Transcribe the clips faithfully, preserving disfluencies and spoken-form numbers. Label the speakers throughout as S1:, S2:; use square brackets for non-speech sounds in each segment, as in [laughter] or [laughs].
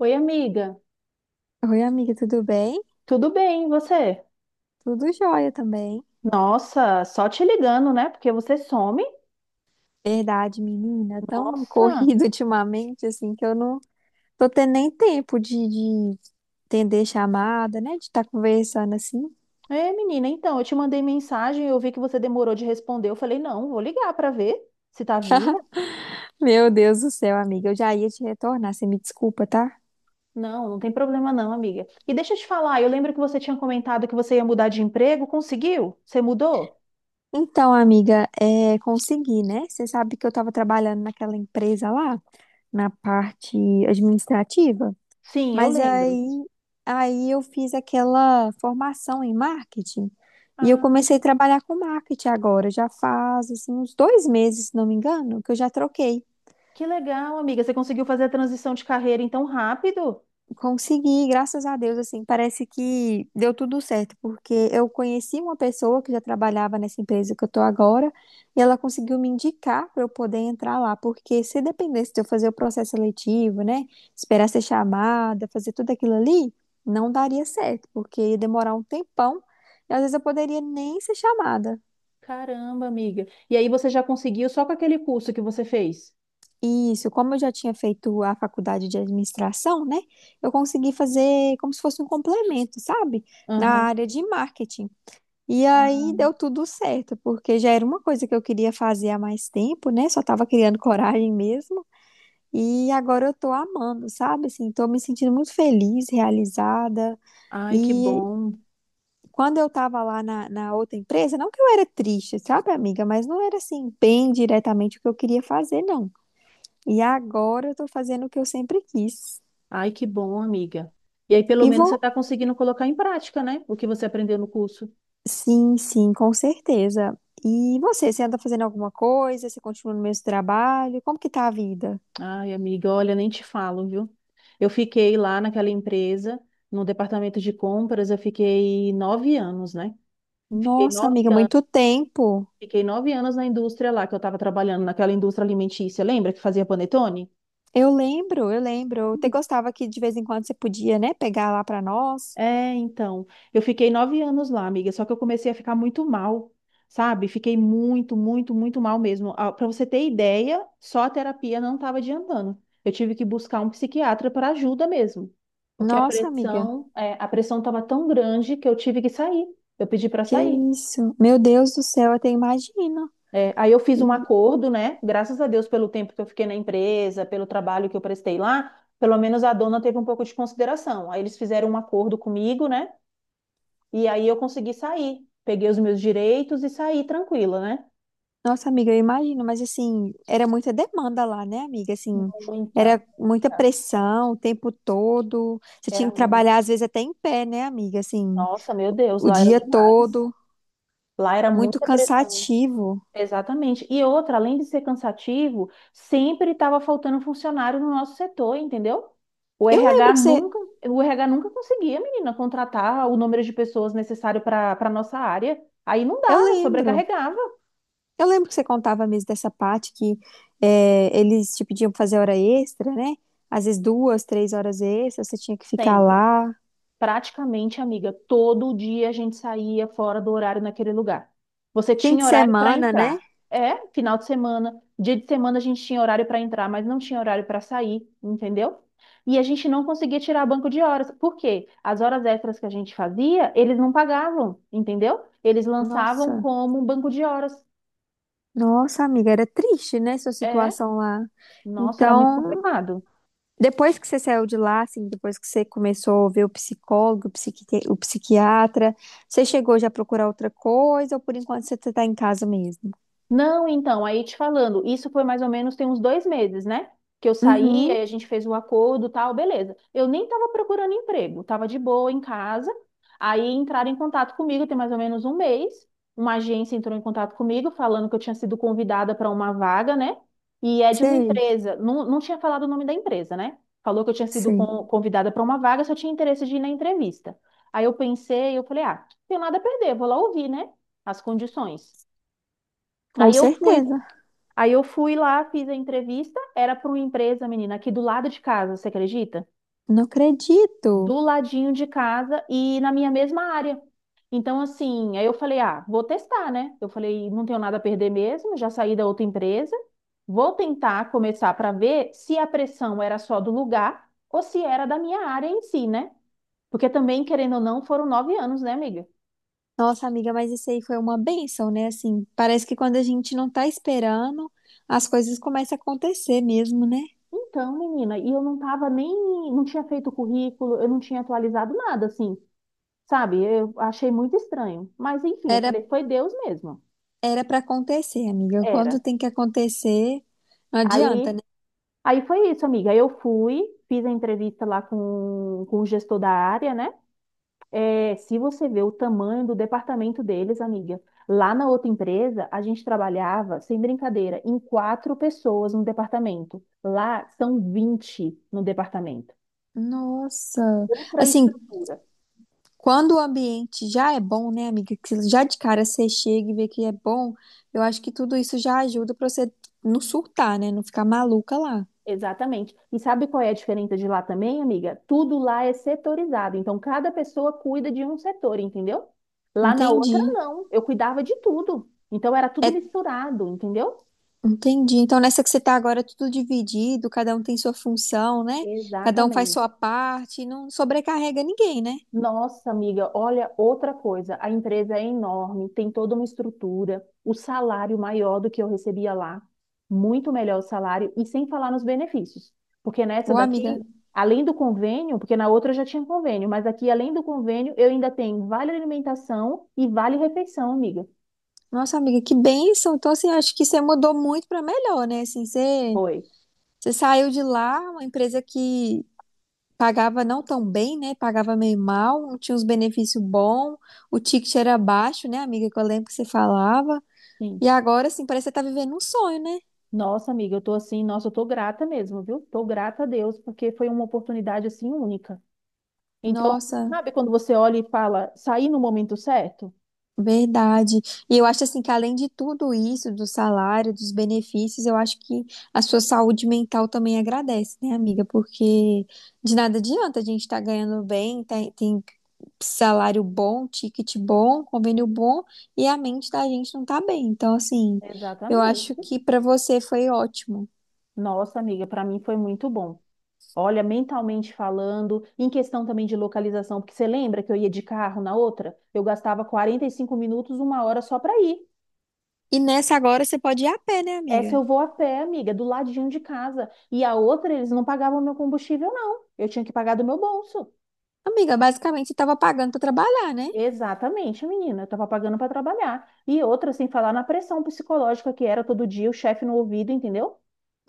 S1: Oi, amiga.
S2: Oi, amiga, tudo bem?
S1: Tudo bem, e você?
S2: Tudo jóia também.
S1: Nossa, só te ligando, né? Porque você some.
S2: Verdade, menina, tão
S1: Nossa.
S2: corrido [laughs] ultimamente, assim, que eu não tô tendo nem tempo de, de atender chamada, né? De estar conversando assim.
S1: É, menina, então, eu te mandei mensagem, eu vi que você demorou de responder. Eu falei, não, vou ligar pra ver se tá viva.
S2: Meu Deus do céu, amiga, eu já ia te retornar, você me desculpa, tá?
S1: Não, não tem problema não, amiga. E deixa eu te falar, eu lembro que você tinha comentado que você ia mudar de emprego, conseguiu? Você mudou?
S2: Então, amiga, é, consegui, né? Você sabe que eu tava trabalhando naquela empresa lá, na parte administrativa.
S1: Sim, eu
S2: Mas
S1: lembro.
S2: aí, aí eu fiz aquela formação em marketing e eu
S1: Ah,
S2: comecei a trabalhar com marketing agora. Já faz assim, uns dois meses, se não me engano, que eu já troquei.
S1: que legal, amiga. Você conseguiu fazer a transição de carreira então rápido?
S2: Consegui, graças a Deus, assim, parece que deu tudo certo, porque eu conheci uma pessoa que já trabalhava nessa empresa que eu tô agora, e ela conseguiu me indicar para eu poder entrar lá, porque se dependesse de eu fazer o processo seletivo, né, esperar ser chamada, fazer tudo aquilo ali, não daria certo, porque ia demorar um tempão, e às vezes eu poderia nem ser chamada.
S1: Caramba, amiga. E aí você já conseguiu só com aquele curso que você fez?
S2: E isso, como eu já tinha feito a faculdade de administração, né, eu consegui fazer como se fosse um complemento, sabe? Na
S1: Aham.
S2: área de marketing. E aí deu tudo certo, porque já era uma coisa que eu queria fazer há mais tempo, né? Só tava criando coragem mesmo. E agora eu tô amando, sabe? Assim, tô me sentindo muito feliz, realizada.
S1: Ai, que
S2: E
S1: bom.
S2: quando eu tava lá na, na outra empresa, não que eu era triste, sabe, amiga? Mas não era assim, bem diretamente o que eu queria fazer, não. E agora eu tô fazendo o que eu sempre quis.
S1: Ai, que bom, amiga. E aí, pelo
S2: E
S1: menos,
S2: vou,
S1: você está conseguindo colocar em prática, né? O que você aprendeu no curso.
S2: sim, sim, com certeza. E você, você anda fazendo alguma coisa? Você continua no mesmo trabalho? Como que tá a vida?
S1: Ai, amiga, olha, nem te falo, viu? Eu fiquei lá naquela empresa, no departamento de compras, eu fiquei nove anos, né? Fiquei
S2: Nossa,
S1: nove
S2: amiga,
S1: anos.
S2: muito tempo.
S1: Fiquei nove anos na indústria lá que eu estava trabalhando, naquela indústria alimentícia. Lembra que fazia panetone?
S2: Eu lembro, eu lembro. Eu até gostava que de vez em quando você podia, né, pegar lá pra nós.
S1: É, então, eu fiquei nove anos lá, amiga, só que eu comecei a ficar muito mal, sabe? Fiquei muito, muito, muito mal mesmo. Para você ter ideia, só a terapia não estava adiantando. Eu tive que buscar um psiquiatra para ajuda mesmo, porque a
S2: Nossa, amiga,
S1: pressão, é, a pressão estava tão grande que eu tive que sair. Eu pedi para
S2: que
S1: sair.
S2: isso? Meu Deus do céu, eu até imagino.
S1: É, aí eu fiz um
S2: E-
S1: acordo, né? Graças a Deus pelo tempo que eu fiquei na empresa, pelo trabalho que eu prestei lá, pelo menos a dona teve um pouco de consideração. Aí eles fizeram um acordo comigo, né? E aí eu consegui sair. Peguei os meus direitos e saí tranquila, né?
S2: Nossa, amiga, eu imagino, mas assim, era muita demanda lá, né, amiga? Assim,
S1: Muita, muita.
S2: era muita pressão o tempo todo. Você tinha
S1: Era
S2: que
S1: muita.
S2: trabalhar às vezes até em pé, né, amiga? Assim,
S1: Nossa, meu Deus,
S2: o
S1: lá era
S2: dia
S1: demais.
S2: todo,
S1: Lá era
S2: muito
S1: muita pressão.
S2: cansativo.
S1: Exatamente. E outra, além de ser cansativo, sempre estava faltando funcionário no nosso setor, entendeu?
S2: Eu
S1: O
S2: lembro
S1: RH
S2: que você,
S1: nunca, o R H nunca conseguia, menina, contratar o número de pessoas necessário para para nossa área. Aí não
S2: eu
S1: dava,
S2: lembro.
S1: sobrecarregava
S2: Eu lembro que você contava mesmo dessa parte que é, eles te pediam pra fazer hora extra, né? Às vezes duas, três horas extras, você tinha que ficar
S1: sempre.
S2: lá.
S1: Praticamente, amiga, todo dia a gente saía fora do horário naquele lugar. Você
S2: Fim
S1: tinha
S2: de
S1: horário para
S2: semana, né?
S1: entrar. É, final de semana, dia de semana a gente tinha horário para entrar, mas não tinha horário para sair, entendeu? E a gente não conseguia tirar banco de horas. Por quê? As horas extras que a gente fazia, eles não pagavam, entendeu? Eles lançavam
S2: Nossa,
S1: como um banco de horas.
S2: nossa, amiga, era triste, né? Sua
S1: É,
S2: situação lá.
S1: nossa, era muito
S2: Então,
S1: complicado.
S2: depois que você saiu de lá, assim, depois que você começou a ver o psicólogo, o psiquite- o psiquiatra, você chegou já a procurar outra coisa ou por enquanto você tá em casa mesmo?
S1: Não, então, aí te falando, isso foi mais ou menos tem uns dois meses, né? Que eu saí,
S2: Uhum,
S1: aí a gente fez o acordo, tal, beleza. Eu nem tava procurando emprego, tava de boa em casa. Aí entraram em contato comigo, tem mais ou menos um mês. Uma agência entrou em contato comigo, falando que eu tinha sido convidada para uma vaga, né? E é de uma
S2: sei,
S1: empresa, não, não tinha falado o nome da empresa, né? Falou que eu tinha sido
S2: sei.
S1: con- convidada para uma vaga, só tinha interesse de ir na entrevista. Aí eu pensei, eu falei, ah, tenho nada a perder, vou lá ouvir, né? As condições.
S2: Com
S1: Aí eu fui.
S2: certeza.
S1: Aí eu fui lá, fiz a entrevista, era para uma empresa, menina, aqui do lado de casa, você acredita?
S2: Não acredito.
S1: Do ladinho de casa e na minha mesma área. Então, assim, aí eu falei, ah, vou testar, né? Eu falei, não tenho nada a perder mesmo, já saí da outra empresa, vou tentar começar para ver se a pressão era só do lugar ou se era da minha área em si, né? Porque também, querendo ou não, foram nove anos, né, amiga?
S2: Nossa, amiga, mas isso aí foi uma bênção, né? Assim, parece que quando a gente não tá esperando, as coisas começam a acontecer mesmo, né?
S1: Então, menina, e eu não tava nem, não tinha feito currículo, eu não tinha atualizado nada, assim. Sabe, eu achei muito estranho. Mas enfim, eu
S2: Era
S1: falei, foi Deus mesmo.
S2: era para acontecer, amiga. Quando
S1: Era.
S2: tem que acontecer, não adianta,
S1: Aí,
S2: né?
S1: aí foi isso, amiga. Eu fui, fiz a entrevista lá com, com o gestor da área, né? É, se você vê o tamanho do departamento deles, amiga, lá na outra empresa, a gente trabalhava, sem brincadeira, em quatro pessoas no departamento. Lá são vinte no departamento.
S2: Nossa.
S1: Outra
S2: Assim,
S1: estrutura.
S2: quando o ambiente já é bom, né, amiga? Que já de cara você chega e vê que é bom, eu acho que tudo isso já ajuda pra você não surtar, né? Não ficar maluca lá.
S1: Exatamente. E sabe qual é a diferença de lá também, amiga? Tudo lá é setorizado. Então, cada pessoa cuida de um setor, entendeu? Lá na outra,
S2: Entendi.
S1: não. Eu cuidava de tudo. Então, era tudo
S2: É
S1: misturado, entendeu?
S2: Entendi. Então, nessa que você está agora, é tudo dividido, cada um tem sua função, né? Cada um faz
S1: Exatamente.
S2: sua parte, não sobrecarrega ninguém, né?
S1: Nossa, amiga, olha outra coisa. A empresa é enorme, tem toda uma estrutura, o salário maior do que eu recebia lá, muito melhor o salário, e sem falar nos benefícios. Porque nessa
S2: Ô, amiga,
S1: daqui, além do convênio, porque na outra eu já tinha convênio, mas aqui, além do convênio, eu ainda tenho vale alimentação e vale refeição, amiga.
S2: nossa amiga, que bênção. Então, assim, acho que você mudou muito para melhor, né? Assim, você,
S1: Foi.
S2: você saiu de lá, uma empresa que pagava não tão bem, né? Pagava meio mal, não tinha uns benefícios bons, o ticket era baixo, né, amiga? Que eu lembro que você falava. E
S1: Sim.
S2: agora, assim, parece que você tá vivendo um sonho, né?
S1: Nossa, amiga, eu tô assim, nossa, eu tô grata mesmo, viu? Tô grata a Deus, porque foi uma oportunidade assim única. Então,
S2: Nossa.
S1: sabe quando você olha e fala, saí no momento certo?
S2: Verdade. E eu acho assim que além de tudo isso, do salário, dos benefícios, eu acho que a sua saúde mental também agradece, né, amiga? Porque de nada adianta a gente estar ganhando bem, tem, tem salário bom, ticket bom, convênio bom, e a mente da gente não tá bem. Então, assim, eu acho
S1: Exatamente.
S2: que pra você foi ótimo.
S1: Nossa, amiga, para mim foi muito bom. Olha, mentalmente falando, em questão também de localização, porque você lembra que eu ia de carro na outra? Eu gastava quarenta e cinco minutos, uma hora só para ir.
S2: E nessa agora você pode ir a pé, né,
S1: Essa
S2: amiga?
S1: eu vou a pé, amiga, do ladinho de casa. E a outra, eles não pagavam meu combustível, não. Eu tinha que pagar do meu bolso.
S2: Amiga, basicamente você tava pagando pra trabalhar, né?
S1: Exatamente, menina. Eu estava pagando para trabalhar. E outra, sem falar na pressão psicológica que era todo dia o chefe no ouvido, entendeu?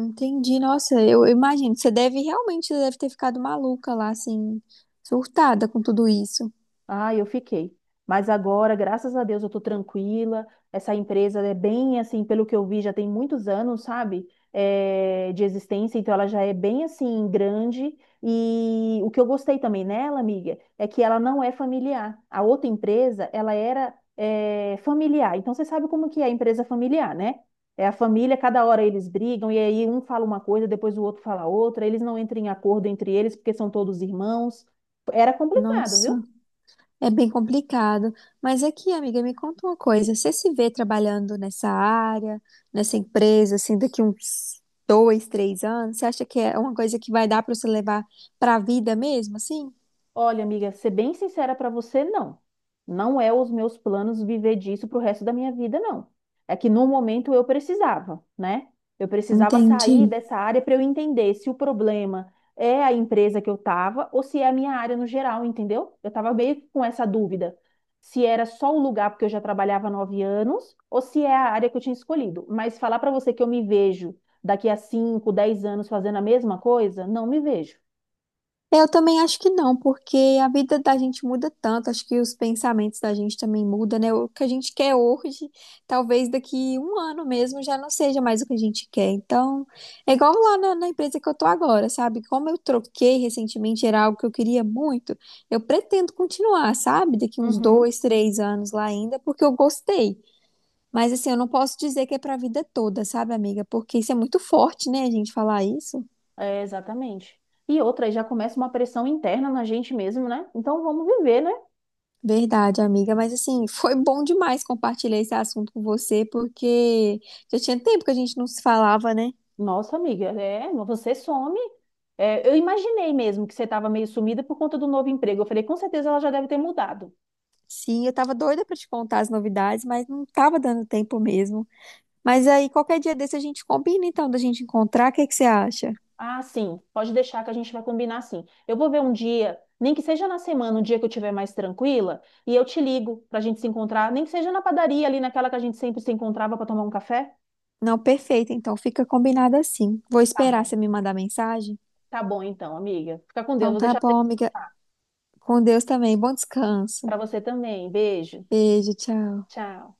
S2: Entendi, nossa, eu imagino, você deve realmente deve ter ficado maluca lá, assim, surtada com tudo isso.
S1: Ah, eu fiquei. Mas agora, graças a Deus, eu tô tranquila. Essa empresa é bem assim, pelo que eu vi, já tem muitos anos, sabe? Eh, de existência, então ela já é bem assim, grande. E o que eu gostei também nela, amiga, é que ela não é familiar. A outra empresa, ela era, eh, familiar. Então você sabe como que é a empresa familiar, né? É a família, cada hora eles brigam, e aí um fala uma coisa, depois o outro fala outra, eles não entram em acordo entre eles, porque são todos irmãos. Era complicado, viu?
S2: Nossa, é bem complicado. Mas aqui, amiga, me conta uma coisa, você se vê trabalhando nessa área, nessa empresa, assim, daqui uns dois, três anos? Você acha que é uma coisa que vai dar para você levar para a vida mesmo, assim?
S1: Olha, amiga, ser bem sincera pra você, não. Não é os meus planos viver disso pro resto da minha vida, não. É que no momento eu precisava, né? Eu precisava sair
S2: Entendi.
S1: dessa área para eu entender se o problema é a empresa que eu tava ou se é a minha área no geral, entendeu? Eu tava meio que com essa dúvida. Se era só o lugar porque eu já trabalhava há nove anos ou se é a área que eu tinha escolhido. Mas falar pra você que eu me vejo daqui a cinco, dez anos fazendo a mesma coisa, não me vejo.
S2: É, Eu também acho que não, porque a vida da gente muda tanto, acho que os pensamentos da gente também mudam, né? O que a gente quer hoje, talvez daqui um ano mesmo já não seja mais o que a gente quer. Então, é igual lá na, na empresa que eu tô agora, sabe? Como eu troquei recentemente, era algo que eu queria muito, eu pretendo continuar, sabe? Daqui uns
S1: Uhum.
S2: dois, três anos lá ainda, porque eu gostei. Mas assim, eu não posso dizer que é pra vida toda, sabe, amiga? Porque isso é muito forte, né, a gente falar isso.
S1: É, exatamente. E outra, aí já começa uma pressão interna na gente mesmo, né? Então vamos viver, né?
S2: Verdade, amiga, mas assim, foi bom demais compartilhar esse assunto com você, porque já tinha tempo que a gente não se falava, né?
S1: Nossa, amiga, é, você some. É, eu imaginei mesmo que você estava meio sumida por conta do novo emprego. Eu falei, com certeza ela já deve ter mudado.
S2: Sim, eu tava doida pra te contar as novidades, mas não tava dando tempo mesmo. Mas aí, qualquer dia desse a gente combina então da gente encontrar, o que que você acha?
S1: Ah, sim, pode deixar que a gente vai combinar assim. Eu vou ver um dia, nem que seja na semana, um dia que eu estiver mais tranquila, e eu te ligo para a gente se encontrar, nem que seja na padaria ali, naquela que a gente sempre se encontrava para tomar um café.
S2: Não, perfeito, então fica combinado assim. Vou
S1: Tá
S2: esperar
S1: bom.
S2: você me mandar mensagem.
S1: Tá bom, então, amiga. Fica com Deus,
S2: Então
S1: vou
S2: tá
S1: deixar você
S2: bom, amiga.
S1: descansar.
S2: Com Deus também. Bom descanso.
S1: Para você também. Beijo.
S2: Beijo, tchau.
S1: Tchau.